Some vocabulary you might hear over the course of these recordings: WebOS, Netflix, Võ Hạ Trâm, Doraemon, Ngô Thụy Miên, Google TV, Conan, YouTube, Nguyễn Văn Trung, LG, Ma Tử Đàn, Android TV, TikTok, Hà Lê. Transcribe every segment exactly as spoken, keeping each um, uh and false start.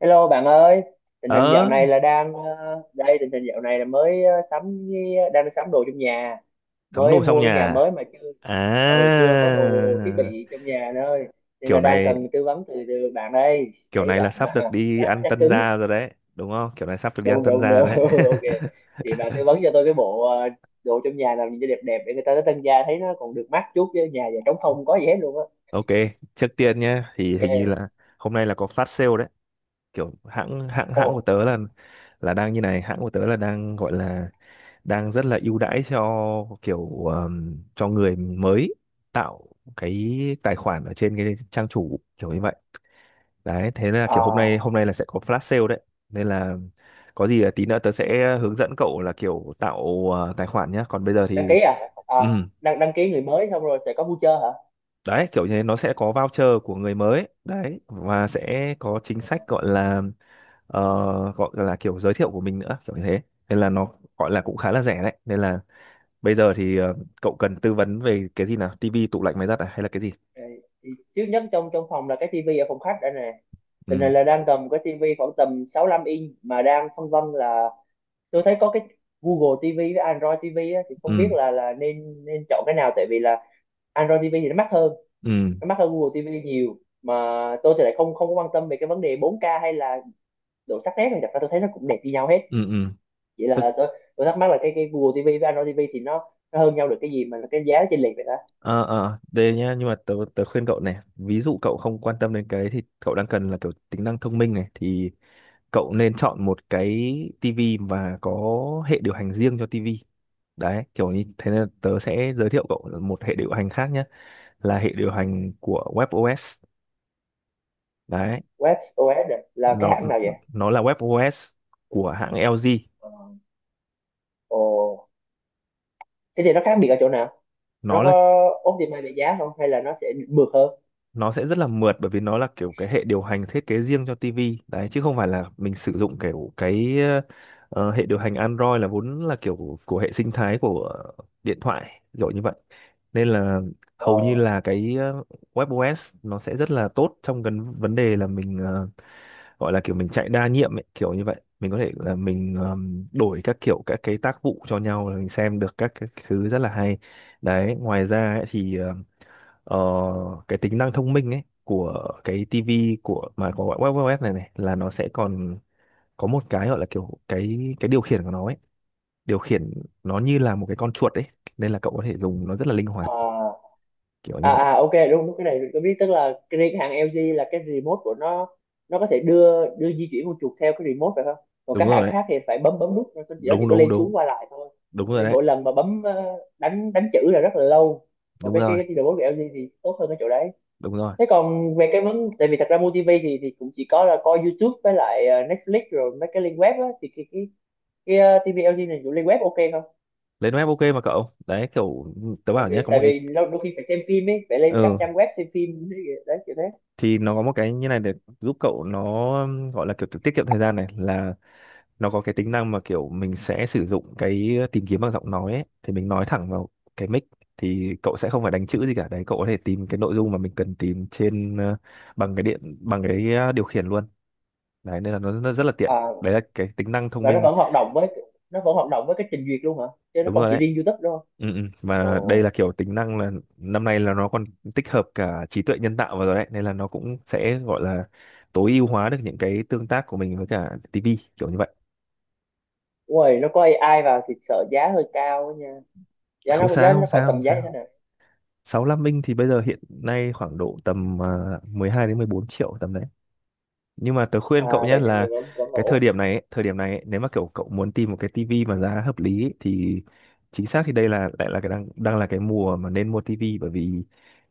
Hello bạn ơi, tình hình dạo ờ này là đang ờ, đây, tình hình dạo này là mới ờ, sắm cái- đang sắm đồ trong nhà, Cắm mới đồ trong mua cái nhà nhà à? mới mà chưa. Ừ, chưa có đồ thiết À, bị trong nhà nữa ơi. Nên là kiểu đang này cần tư vấn từ, từ bạn đây. kiểu Thấy này là bạn sắp được đi chắc ăn chắc tân cứng. gia rồi đấy đúng không? Kiểu này sắp được đi ăn Đúng tân đúng gia đúng. đấy. Ok. Thì bạn tư vấn cho tôi cái bộ ờ, đồ trong nhà làm gì cho đẹp đẹp để người ta tới tân gia thấy nó còn được mắt chút, chứ nhà giờ trống không có gì hết luôn á. Ok, trước tiên nhé, thì hình như Ok. là hôm nay là có flash sale đấy. Kiểu hãng hãng Ồ, hãng của tớ là là đang như này, hãng của tớ là đang gọi là đang rất là ưu đãi cho kiểu ờm, cho người mới tạo cái tài khoản ở trên cái trang chủ kiểu như vậy đấy. Thế nên là kiểu hôm nay à, hôm nay là sẽ có flash sale đấy, nên là có gì là tí nữa tớ sẽ hướng dẫn cậu là kiểu tạo ờ, tài khoản nhá. Còn bây giờ đăng ký thì à? À, ừ, đăng đăng ký người mới xong rồi sẽ có voucher hả? đấy, kiểu như thế nó sẽ có voucher của người mới đấy, và sẽ có chính Ờ. sách gọi là ờ, gọi là kiểu giới thiệu của mình nữa kiểu như thế. Nên là nó gọi là cũng khá là rẻ đấy, nên là bây giờ thì ờ, cậu cần tư vấn về cái gì nào, tivi, tủ lạnh, máy giặt à hay là cái gì? Ờ, trước nhất trong trong phòng là cái tivi ở phòng khách đây nè, tình Ừ hình là đang cầm cái tivi khoảng tầm 65 inch mà đang phân vân là tôi thấy có cái Google ti vi với Android ti vi á, thì không biết ừ, là là nên nên chọn cái nào, tại vì là Android ti vi thì nó mắc hơn ừ nó mắc hơn Google ti vi nhiều mà tôi thì lại không không có quan tâm về cái vấn đề bốn ca hay là độ sắc nét này. Thật ra tôi thấy nó cũng đẹp như nhau hết, ừ ừ, vậy tức là tôi tôi thắc mắc là cái cái Google ti vi với Android ti vi thì nó nó hơn nhau được cái gì mà cái giá nó chênh lệch vậy đó. Ờ ờ đây nhá, nhưng mà tớ tớ khuyên cậu này, ví dụ cậu không quan tâm đến cái đấy thì cậu đang cần là kiểu tính năng thông minh này, thì cậu nên chọn một cái tivi và có hệ điều hành riêng cho tivi đấy kiểu như thế. Nên tớ sẽ giới thiệu cậu một hệ điều hành khác nhé, là hệ điều hành của WebOS đấy. WebOS là cái nó hãng nào vậy? nó là WebOS của hãng e lờ giê. Ờ. Ồ, thế thì nó khác biệt ở chỗ nào? Nó Nó có là optimize về giá không hay là nó sẽ mượt hơn? nó sẽ rất là mượt, bởi vì nó là kiểu cái hệ điều hành thiết kế riêng cho ti vi đấy, chứ không phải là mình sử dụng kiểu cái ờ, ờ, hệ điều hành Android là vốn là kiểu của hệ sinh thái của điện thoại rồi như vậy. Nên là Ờ, hầu như là cái ờ, WebOS nó sẽ rất là tốt trong cái vấn đề là mình ờ, gọi là kiểu mình chạy đa nhiệm ấy, kiểu như vậy. Mình có thể là mình ờm, đổi các kiểu các cái tác vụ cho nhau, là mình xem được các cái thứ rất là hay đấy. Ngoài ra ấy, thì ờ, ờ, cái tính năng thông minh ấy của cái tivi của mà có web web này này, là nó sẽ còn có một cái gọi là kiểu cái cái điều khiển của nó ấy. Điều khiển nó như là một cái con chuột ấy, nên là cậu có thể dùng nó rất là linh hoạt à, kiểu như à, vậy. à, ok, đúng đúng, cái này mình có biết, tức là cái riêng hãng lờ giê là cái remote của nó nó có thể đưa đưa di chuyển con chuột theo cái remote phải không, còn Đúng các hãng rồi đấy, khác thì phải bấm bấm nút, nó chỉ nó chỉ đúng có đúng lên đúng, xuống qua lại thôi, đúng cho rồi nên đấy, mỗi lần mà bấm ờ, đánh đánh chữ là rất là lâu, còn đúng cái rồi, cái, cái remote của lờ giê thì tốt hơn cái chỗ đấy. đúng rồi. Thế còn về cái vấn tại vì thật ra mua ti vi thì thì cũng chỉ có là coi YouTube với lại ờ, Netflix rồi mấy cái link web á, thì cái, cái cái ờ, ti vi lờ giê này dùng lên web ok không, Lên web ok mà cậu, đấy kiểu tớ tại bảo nhé, vì có một tại cái vì lâu- đôi khi phải xem phim ấy, phải lên các ừ, trang web xem phim, đấy kiểu thế. thì nó có một cái như này để giúp cậu nó um, gọi là kiểu tiết kiệm thời gian này, là nó có cái tính năng mà kiểu mình sẽ sử dụng cái tìm kiếm bằng giọng nói ấy, thì mình nói thẳng vào cái mic, thì cậu sẽ không phải đánh chữ gì cả đấy. Cậu có thể tìm cái nội dung mà mình cần tìm trên ờ, bằng cái điện bằng cái ờ, điều khiển luôn đấy, nên là nó, nó rất là tiện À, đấy, là cái tính năng thông và nó minh. vẫn hoạt động với nó vẫn hoạt động với cái trình duyệt luôn hả, chứ nó Đúng không rồi chỉ đấy, riêng YouTube đâu. ừ, ừ. Và đây Ồ. là kiểu tính năng là năm nay là nó còn tích hợp cả trí tuệ nhân tạo vào rồi đấy, nên là nó cũng sẽ gọi là tối ưu hóa được những cái tương tác của mình với cả ti vi kiểu như vậy. Ui, nó có ây ai vào thì sợ giá hơi cao á nha, giá Không nó giá sao, nó không khỏi sao, tầm, không giá như thế sao, nào? sáu lăm inch thì bây giờ hiện nay khoảng độ tầm à, mười hai đến mười bốn triệu tầm đấy. Nhưng mà tớ khuyên cậu À nhé vậy thì mình là vẫn vẫn cái thời ổn. điểm này ấy, thời điểm này ấy, nếu mà kiểu cậu muốn tìm một cái tivi mà giá hợp lý ấy, thì chính xác thì đây là lại là cái đang đang là cái mùa mà nên mua tivi, bởi vì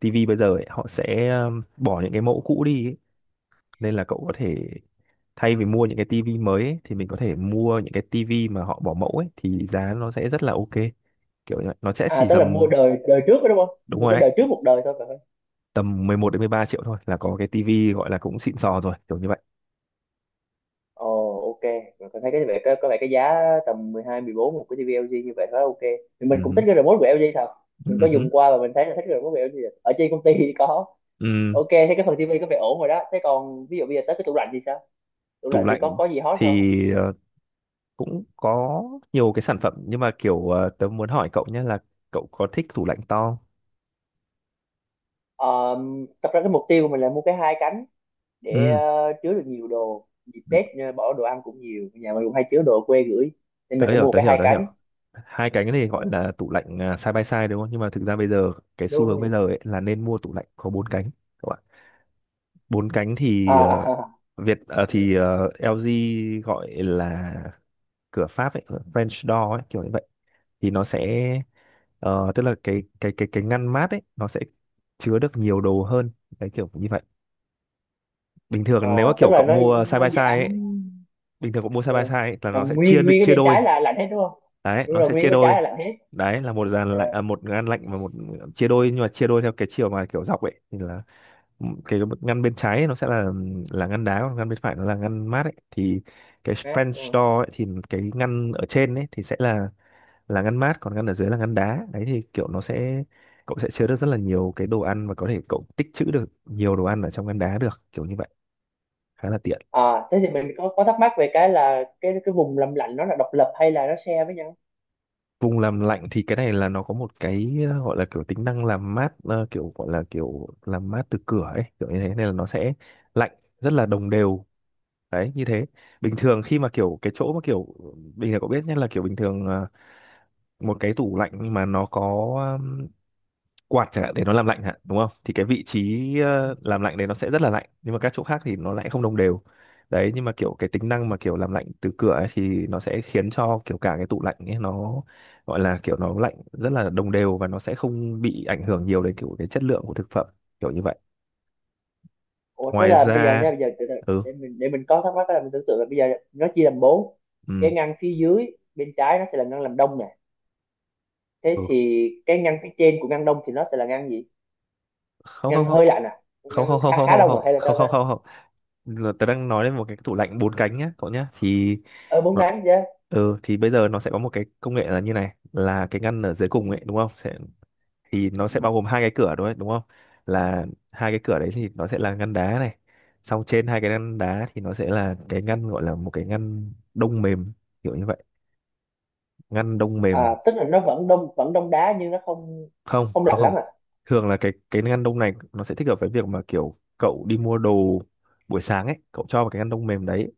tivi bây giờ ấy, họ sẽ um, bỏ những cái mẫu cũ đi ấy. Nên là cậu có thể thay vì mua những cái tivi mới ấy, thì mình có thể mua những cái tivi mà họ bỏ mẫu ấy, thì giá nó sẽ rất là ok. Kiểu như vậy, nó sẽ À, chỉ tức là mua tầm đời đời trước đó đúng không, đúng mua rồi cái đấy, đời trước một đời thôi phải. tầm mười một đến mười ba triệu thôi là có cái tivi gọi là cũng xịn sò rồi kiểu như vậy. Ồ, ok, mình có thấy cái vẻ có, có vẻ cái giá tầm mười hai mười bốn một cái tivi e lờ giê như vậy khá ok. Thì mình Ừ cũng thích hứ, cái remote của lờ giê thật. ừ Mình có hứ. dùng qua và mình thấy là thích cái remote của lờ giê thật. Ở trên công ty thì có. Ừ, Ok, thế cái phần tivi có vẻ ổn rồi đó. Thế còn ví dụ bây giờ tới cái tủ lạnh thì sao? Tủ tủ lạnh thì có lạnh có gì hot không? thì ờ, cũng có nhiều cái sản phẩm, nhưng mà kiểu ờ, tớ muốn hỏi cậu nhé là cậu có thích tủ lạnh to không? Ờ, thật ra cái mục tiêu của mình là mua cái hai cánh để Ừ. ờ, chứa được nhiều đồ. Dịp Tết ờ, bỏ đồ ăn cũng nhiều, nhà mình cũng hay chứa đồ ở quê gửi. Nên mình Tớ sẽ hiểu, mua tớ cái hiểu, hai tớ hiểu, cánh. hai cái này Ờ, gọi là tủ lạnh à, side by side đúng không? Nhưng mà thực ra bây giờ cái xu đúng hướng bây đúng. giờ ấy là nên mua tủ lạnh có bốn cánh các bạn. Bốn cánh À, thì ờ, à, à, Việt ờ, thì ờ, e lờ giê gọi là cửa Pháp ấy, French door ấy kiểu như vậy. Thì nó sẽ ờ, tức là cái cái cái cái ngăn mát ấy nó sẽ chứa được nhiều đồ hơn đấy kiểu như vậy. Bình ờ, thường nếu mà tức kiểu là cậu nó mua side nó by side giảm. ấy, bình thường cậu mua side Ờ, by side ấy, là là nó sẽ chia nguyên đ- nguyên cái chia bên đôi. trái là lạnh hết đúng không? Đấy, Đúng nó rồi, sẽ nguyên cái chia bên trái đôi, là lạnh hết. đấy là một dàn Ờ, lạnh à, một ngăn lạnh và một chia đôi, nhưng mà chia đôi theo cái chiều mà kiểu dọc ấy, thì là cái ngăn bên trái ấy, nó sẽ là là ngăn đá, còn ngăn bên phải nó là ngăn mát ấy. Thì cái mát French đúng rồi. door ấy, thì cái ngăn ở trên ấy thì sẽ là là ngăn mát, còn ngăn ở dưới là ngăn đá đấy. Thì kiểu nó sẽ cậu sẽ chứa được rất là nhiều cái đồ ăn, và có thể cậu tích trữ được nhiều đồ ăn ở trong ngăn đá được kiểu như vậy, khá là tiện. À thế thì mình có có thắc mắc về cái là cái cái vùng làm lạnh, nó là độc lập hay là nó share với nhau? Vùng làm lạnh thì cái này là nó có một cái ờ, gọi là kiểu tính năng làm mát ờ, kiểu gọi là kiểu làm mát từ cửa ấy kiểu như thế, nên là nó sẽ lạnh rất là đồng đều đấy như thế. Bình thường khi mà kiểu cái chỗ mà kiểu bình thường cậu biết nhé, là kiểu bình thường ờ, một cái tủ lạnh mà nó có quạt chẳng hạn để nó làm lạnh hả đúng không, thì cái vị trí Ừ. ờ, làm lạnh đấy nó sẽ rất là lạnh, nhưng mà các chỗ khác thì nó lại không đồng đều đấy. Nhưng mà kiểu cái tính năng mà kiểu làm lạnh từ cửa ấy, thì nó sẽ khiến cho kiểu cả cái tủ lạnh ấy nó gọi là kiểu nó lạnh rất là đồng đều, và nó sẽ không bị ảnh hưởng nhiều đến kiểu cái chất lượng của thực phẩm kiểu như vậy. Ủa thế Ngoài là bây giờ ra nha, bây giờ từ từ, ừ, để mình để mình có thắc mắc là mình tưởng tượng là bây giờ nó chia làm bốn, ừ cái ngăn phía dưới bên trái nó sẽ là ngăn làm đông nè, thế ừ, thì cái ngăn phía trên của ngăn đông thì nó sẽ là ngăn gì? không không Ngăn không, hơi lạnh à, không ngăn không không, khá không khá không không đông à hay là không, sao ta? không không không là tớ đang nói đến một cái tủ lạnh bốn cánh nhá cậu nhá. Thì ờ Bốn nó ngăn chứ. ừ, thì bây giờ nó sẽ có một cái công nghệ là như này, là cái ngăn ở dưới cùng ấy đúng không sẽ, thì nó Ừ. sẽ bao gồm hai cái cửa đúng không, đúng không? Là hai cái cửa đấy thì nó sẽ là ngăn đá này, xong trên hai cái ngăn đá thì nó sẽ là cái ngăn gọi là một cái ngăn đông mềm kiểu như vậy, ngăn đông mềm. À tức là nó vẫn đông vẫn đông đá nhưng nó không Không không không lạnh không, lắm à. thường là cái cái ngăn đông này nó sẽ thích hợp với việc mà kiểu cậu đi mua đồ buổi sáng ấy, cậu cho vào cái ngăn đông mềm đấy,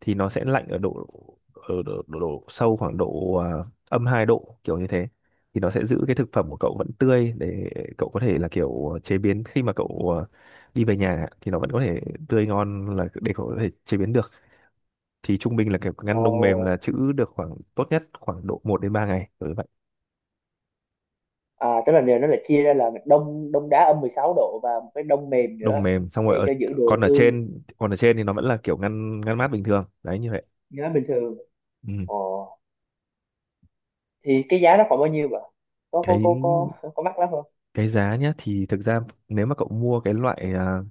thì nó sẽ lạnh ở độ ở độ, độ, độ sâu khoảng độ à, âm hai độ kiểu như thế, thì nó sẽ giữ cái thực phẩm của cậu vẫn tươi, để cậu có thể là kiểu chế biến khi mà cậu à, đi về nhà thì nó vẫn có thể tươi ngon, là để cậu có thể chế biến được. Thì trung bình là kiểu Ồ, ngăn đông mềm là trữ được khoảng tốt nhất khoảng độ một đến ba ngày đối vậy. à, tức là nếu nó lại chia ra là đông đông đá âm mười sáu độ và một cái đông mềm nữa Đông mềm xong rồi để ở cho giữ còn đồ ở tươi, trên còn ở trên thì nó vẫn là kiểu ngăn ngăn mát bình thường đấy như vậy. nhớ bình thường. Ừ. Ồ, thì cái giá nó khoảng bao nhiêu vậy? Có có có có cái có mắc lắm không? cái giá nhá, thì thực ra nếu mà cậu mua cái loại à,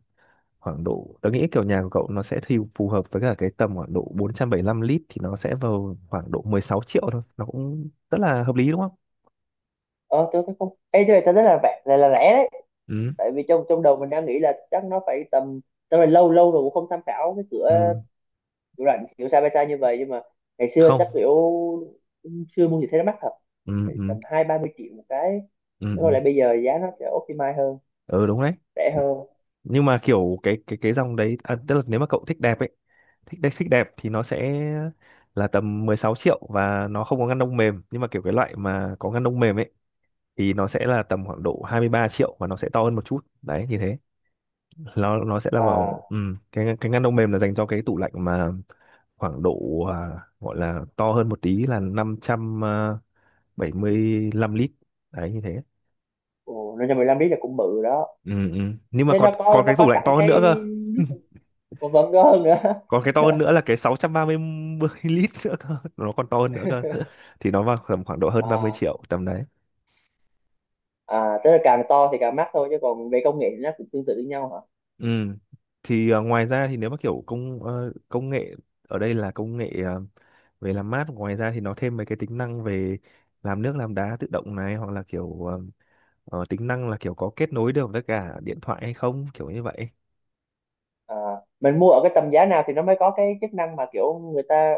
khoảng độ tớ nghĩ kiểu nhà của cậu nó sẽ thì phù hợp với cả cái tầm khoảng độ bốn trăm bảy mươi lăm lít, thì nó sẽ vào khoảng độ mười sáu triệu thôi, nó cũng rất là hợp lý đúng không? Ờ, tôi thấy không. Ê, tôi thấy rất là rẻ, là, là rẻ đấy. Ừ Tại vì trong trong đầu mình đang nghĩ là chắc nó phải tầm, tao là lâu lâu rồi cũng không tham khảo cái cửa ừ. cửa rảnh kiểu Sabata như vậy, nhưng mà ngày xưa chắc Không, kiểu xưa mua gì thấy nó mắc thật. ừ Phải ừ tầm hai ba mươi triệu một cái. ừ Thế còn ừ lại bây giờ giá nó sẽ optimize hơn, ừ, đúng đấy. rẻ hơn. Nhưng mà kiểu cái cái cái dòng đấy à, tức là nếu mà cậu thích đẹp ấy, thích đẹp, thích đẹp thì nó sẽ là tầm mười sáu triệu và nó không có ngăn đông mềm. Nhưng mà kiểu cái loại mà có ngăn đông mềm ấy thì nó sẽ là tầm khoảng độ hai mươi ba triệu và nó sẽ to hơn một chút đấy, như thế. Nó nó sẽ là À, vào ừm, cái cái ngăn đông mềm là dành cho cái tủ lạnh mà khoảng độ à, gọi là to hơn một tí là năm trăm à, bảy mươi lăm lít đấy, như thế. ồ, nên cho mười lăm lít là cũng bự đó. Ừ, ừ. Nhưng mà Thế còn nó có còn nó cái có tủ lạnh sẵn to hơn cái nữa cơ. nước, còn vẫn có hơn nữa Còn cái to hơn nữa là cái sáu trăm ba mươi lít nữa cơ, nó còn to hơn nữa cơ. Thì nó vào tầm khoảng độ hơn ba mươi à triệu tầm đấy. à, tức là càng to thì càng mắc thôi chứ còn về công nghệ thì nó cũng tương tự với nhau hả? Ừ. Thì à, ngoài ra thì nếu mà kiểu công ờ, công nghệ ở đây là công nghệ à, về làm mát, ngoài ra thì nó thêm mấy cái tính năng về làm nước, làm đá tự động này, hoặc là kiểu ờ, ờ, tính năng là kiểu có kết nối được với cả điện thoại hay không, kiểu như vậy. À mình mua ở cái tầm giá nào thì nó mới có cái chức năng mà kiểu người ta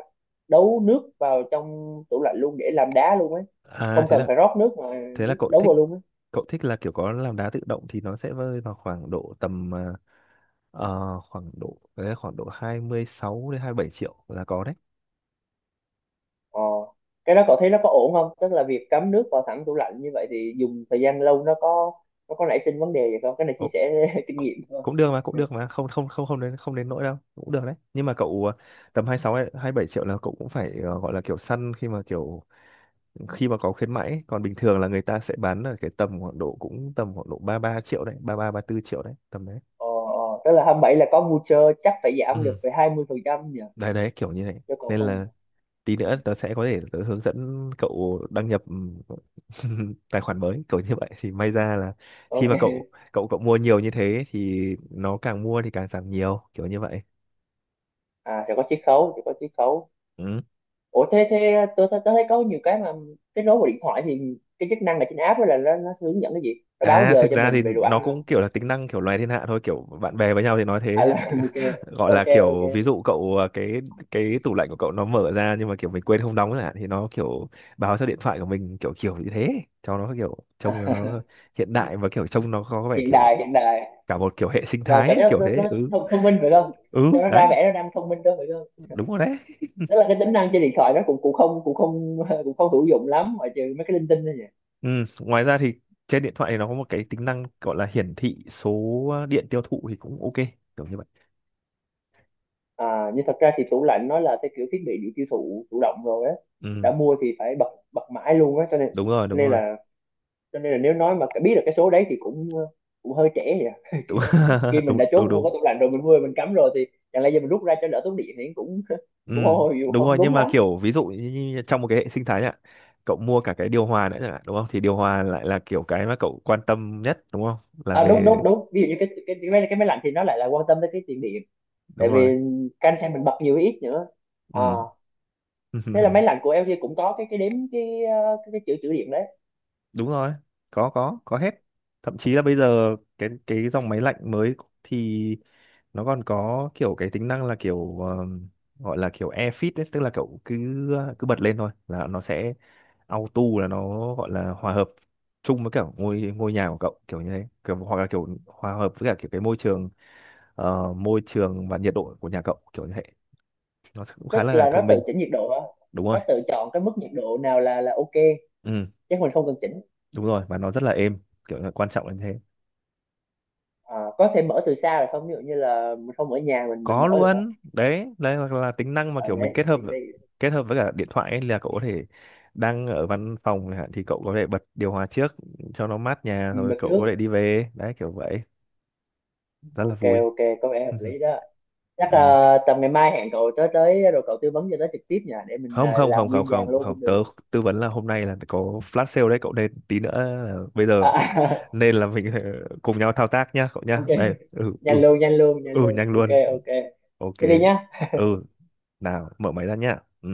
đấu nước vào trong tủ lạnh luôn để làm đá luôn ấy, À không thế cần là, phải rót nước mà thế là nước nó cậu đấu thích, vào luôn ấy. cậu thích là kiểu có làm đá tự động thì nó sẽ rơi vào khoảng độ tầm ờ, ờ, khoảng độ đấy, khoảng độ hai mươi sáu đến hai mươi bảy triệu là có đấy. ờ cái đó cậu thấy nó có ổn không, tức là việc cắm nước vào thẳng tủ lạnh như vậy thì dùng thời gian lâu nó có nó có nảy sinh vấn đề gì không? Cái này chia Ồ, sẻ kinh cũng, nghiệm thôi. cũng được mà, cũng được mà, không không không không đến, không đến nỗi đâu, cũng được đấy. Nhưng mà cậu ờ, tầm hai mươi sáu hay hai mươi bảy triệu là cậu cũng phải ờ, gọi là kiểu săn khi mà kiểu khi mà có khuyến mãi. Còn bình thường là người ta sẽ bán ở cái tầm khoảng độ cũng tầm khoảng độ ba ba triệu đấy, ba ba ba 34 triệu đấy, tầm đấy. Ờ, ờ, tức là hai mươi bảy là có voucher chắc phải giảm Ừ. được về trăm nhỉ, Đấy đấy, kiểu như này, chứ còn nên không. là tí Ừ, nữa tớ sẽ có thể tớ hướng dẫn cậu đăng nhập ừm, tài khoản mới kiểu như vậy, thì may ra là khi mà cậu ok. cậu cậu mua nhiều như thế thì nó càng mua thì càng giảm nhiều kiểu như vậy. À, sẽ có chiết khấu, sẽ có chiết khấu. Ừ. Ủa thế thế tôi, tôi, tôi thấy có nhiều cái mà kết nối vào điện thoại thì cái chức năng là trên app đó là nó, nó hướng dẫn cái gì, nó báo À giờ thực cho ra thì mình về đồ nó ăn không? cũng kiểu là tính năng kiểu loài thiên hạ thôi, kiểu bạn bè với nhau thì nói À thế. là Kiểu- ok, gọi là ok, ok. kiểu ví dụ cậu à, cái cái tủ lạnh của cậu nó mở ra nhưng mà kiểu mình quên không đóng chẳng hạn, thì nó kiểu báo cho điện thoại của mình, kiểu kiểu như thế, cho nó kiểu trông cho À, nó hiện đại và kiểu trông nó có vẻ hiện kiểu đại hiện đại, cả một kiểu hệ sinh và thái cảm ấy, giác kiểu nó, thế. nó Ừ thông, thông minh phải không, ừ cho nó đấy, ra vẻ nó đang thông minh đó phải không? đúng rồi đấy. Tức là cái tính năng trên điện thoại nó cũng cũng không cũng không cũng không hữu dụng lắm, ngoại trừ mấy cái linh tinh thôi nhỉ. Ừ. Ngoài ra thì trên điện thoại thì nó có một cái tính năng gọi là hiển thị số điện tiêu thụ thì cũng ok, kiểu như vậy. À, nhưng thật ra thì tủ lạnh nó là cái kiểu thiết bị điện tiêu thụ chủ động rồi á, Ừ, đã mua thì phải bật bật mãi luôn á, cho nên đúng rồi, đúng nên rồi. là cho nên là nếu nói mà biết được cái số đấy thì cũng cũng hơi trễ vậy à. Đúng. Kiểu khi mình đã Đúng chốt đúng mua đúng. cái tủ lạnh rồi, mình mua mình cắm rồi thì chẳng lẽ giờ mình rút ra cho đỡ tốn điện thì cũng Ừ, cũng không không đúng không rồi. Nhưng đúng mà lắm. kiểu ví dụ như như trong một cái hệ sinh thái ạ, cậu mua cả cái điều hòa nữa chẳng hạn đúng không, thì điều hòa lại là kiểu cái mà cậu quan tâm nhất, đúng không, là À, đúng về. đúng đúng, ví dụ như cái cái cái máy, cái máy lạnh thì nó lại là quan tâm tới cái tiền điện, Đúng tại rồi. vì canh xem mình bật nhiều hay ít nữa. Ờ, Ừ. thế là máy lạnh của lờ giê cũng có cái cái đếm cái ờ, cái, cái chữ chữ điện đấy. Đúng rồi, có có có hết. Thậm chí là bây giờ cái cái dòng máy lạnh mới thì nó còn có kiểu cái tính năng là kiểu ờm, gọi là kiểu air fit ấy, tức là kiểu cứ cứ bật lên thôi là nó sẽ auto, là nó gọi là hòa hợp chung với kiểu ngôi ngôi nhà của cậu kiểu như thế, kiểu, hoặc là kiểu hòa hợp với cả kiểu cái môi trường, ờ, môi trường và nhiệt độ của nhà cậu kiểu như thế. Nó sẽ cũng Tức khá là là nó thông tự minh. chỉnh nhiệt độ đó. Đúng Nó rồi. tự chọn cái mức nhiệt độ nào là là ok, Ừ, chứ mình không cần chỉnh. đúng rồi và nó rất là êm, kiểu là quan trọng là như thế. À, có thể mở từ xa được không, ví dụ như là mình không ở nhà mình mình Có mở được không, luôn đấy, đấy hoặc là tính năng mà ở kiểu mình đấy kết hợp, để, để, kết hợp với cả điện thoại ấy, là cậu có thể đang ở văn phòng chẳng hạn thì cậu có thể bật điều hòa trước cho nó mát nhà ừ, rồi đặt cậu trước. có thể đi về, đấy kiểu vậy. Rất là Ok vui. ok, có vẻ hợp lý đó. Chắc Ừ. là tầm ngày mai hẹn cậu tới tới rồi cậu tư vấn cho tới trực tiếp nha, để mình Không à, không không làm không nguyên vàng không luôn không, cũng tớ được. tư vấn là hôm nay là có flash sale đấy cậu, nên tí nữa là bây giờ, À, nên là mình cùng nhau thao tác nhá cậu nhá, ok, đây, ừ ừ. nhanh luôn nhanh luôn nhanh Ừ luôn, nhanh ok luôn. ok, Ok. thế đi nhá. Ừ. Nào, mở máy ra nhá. Ừ.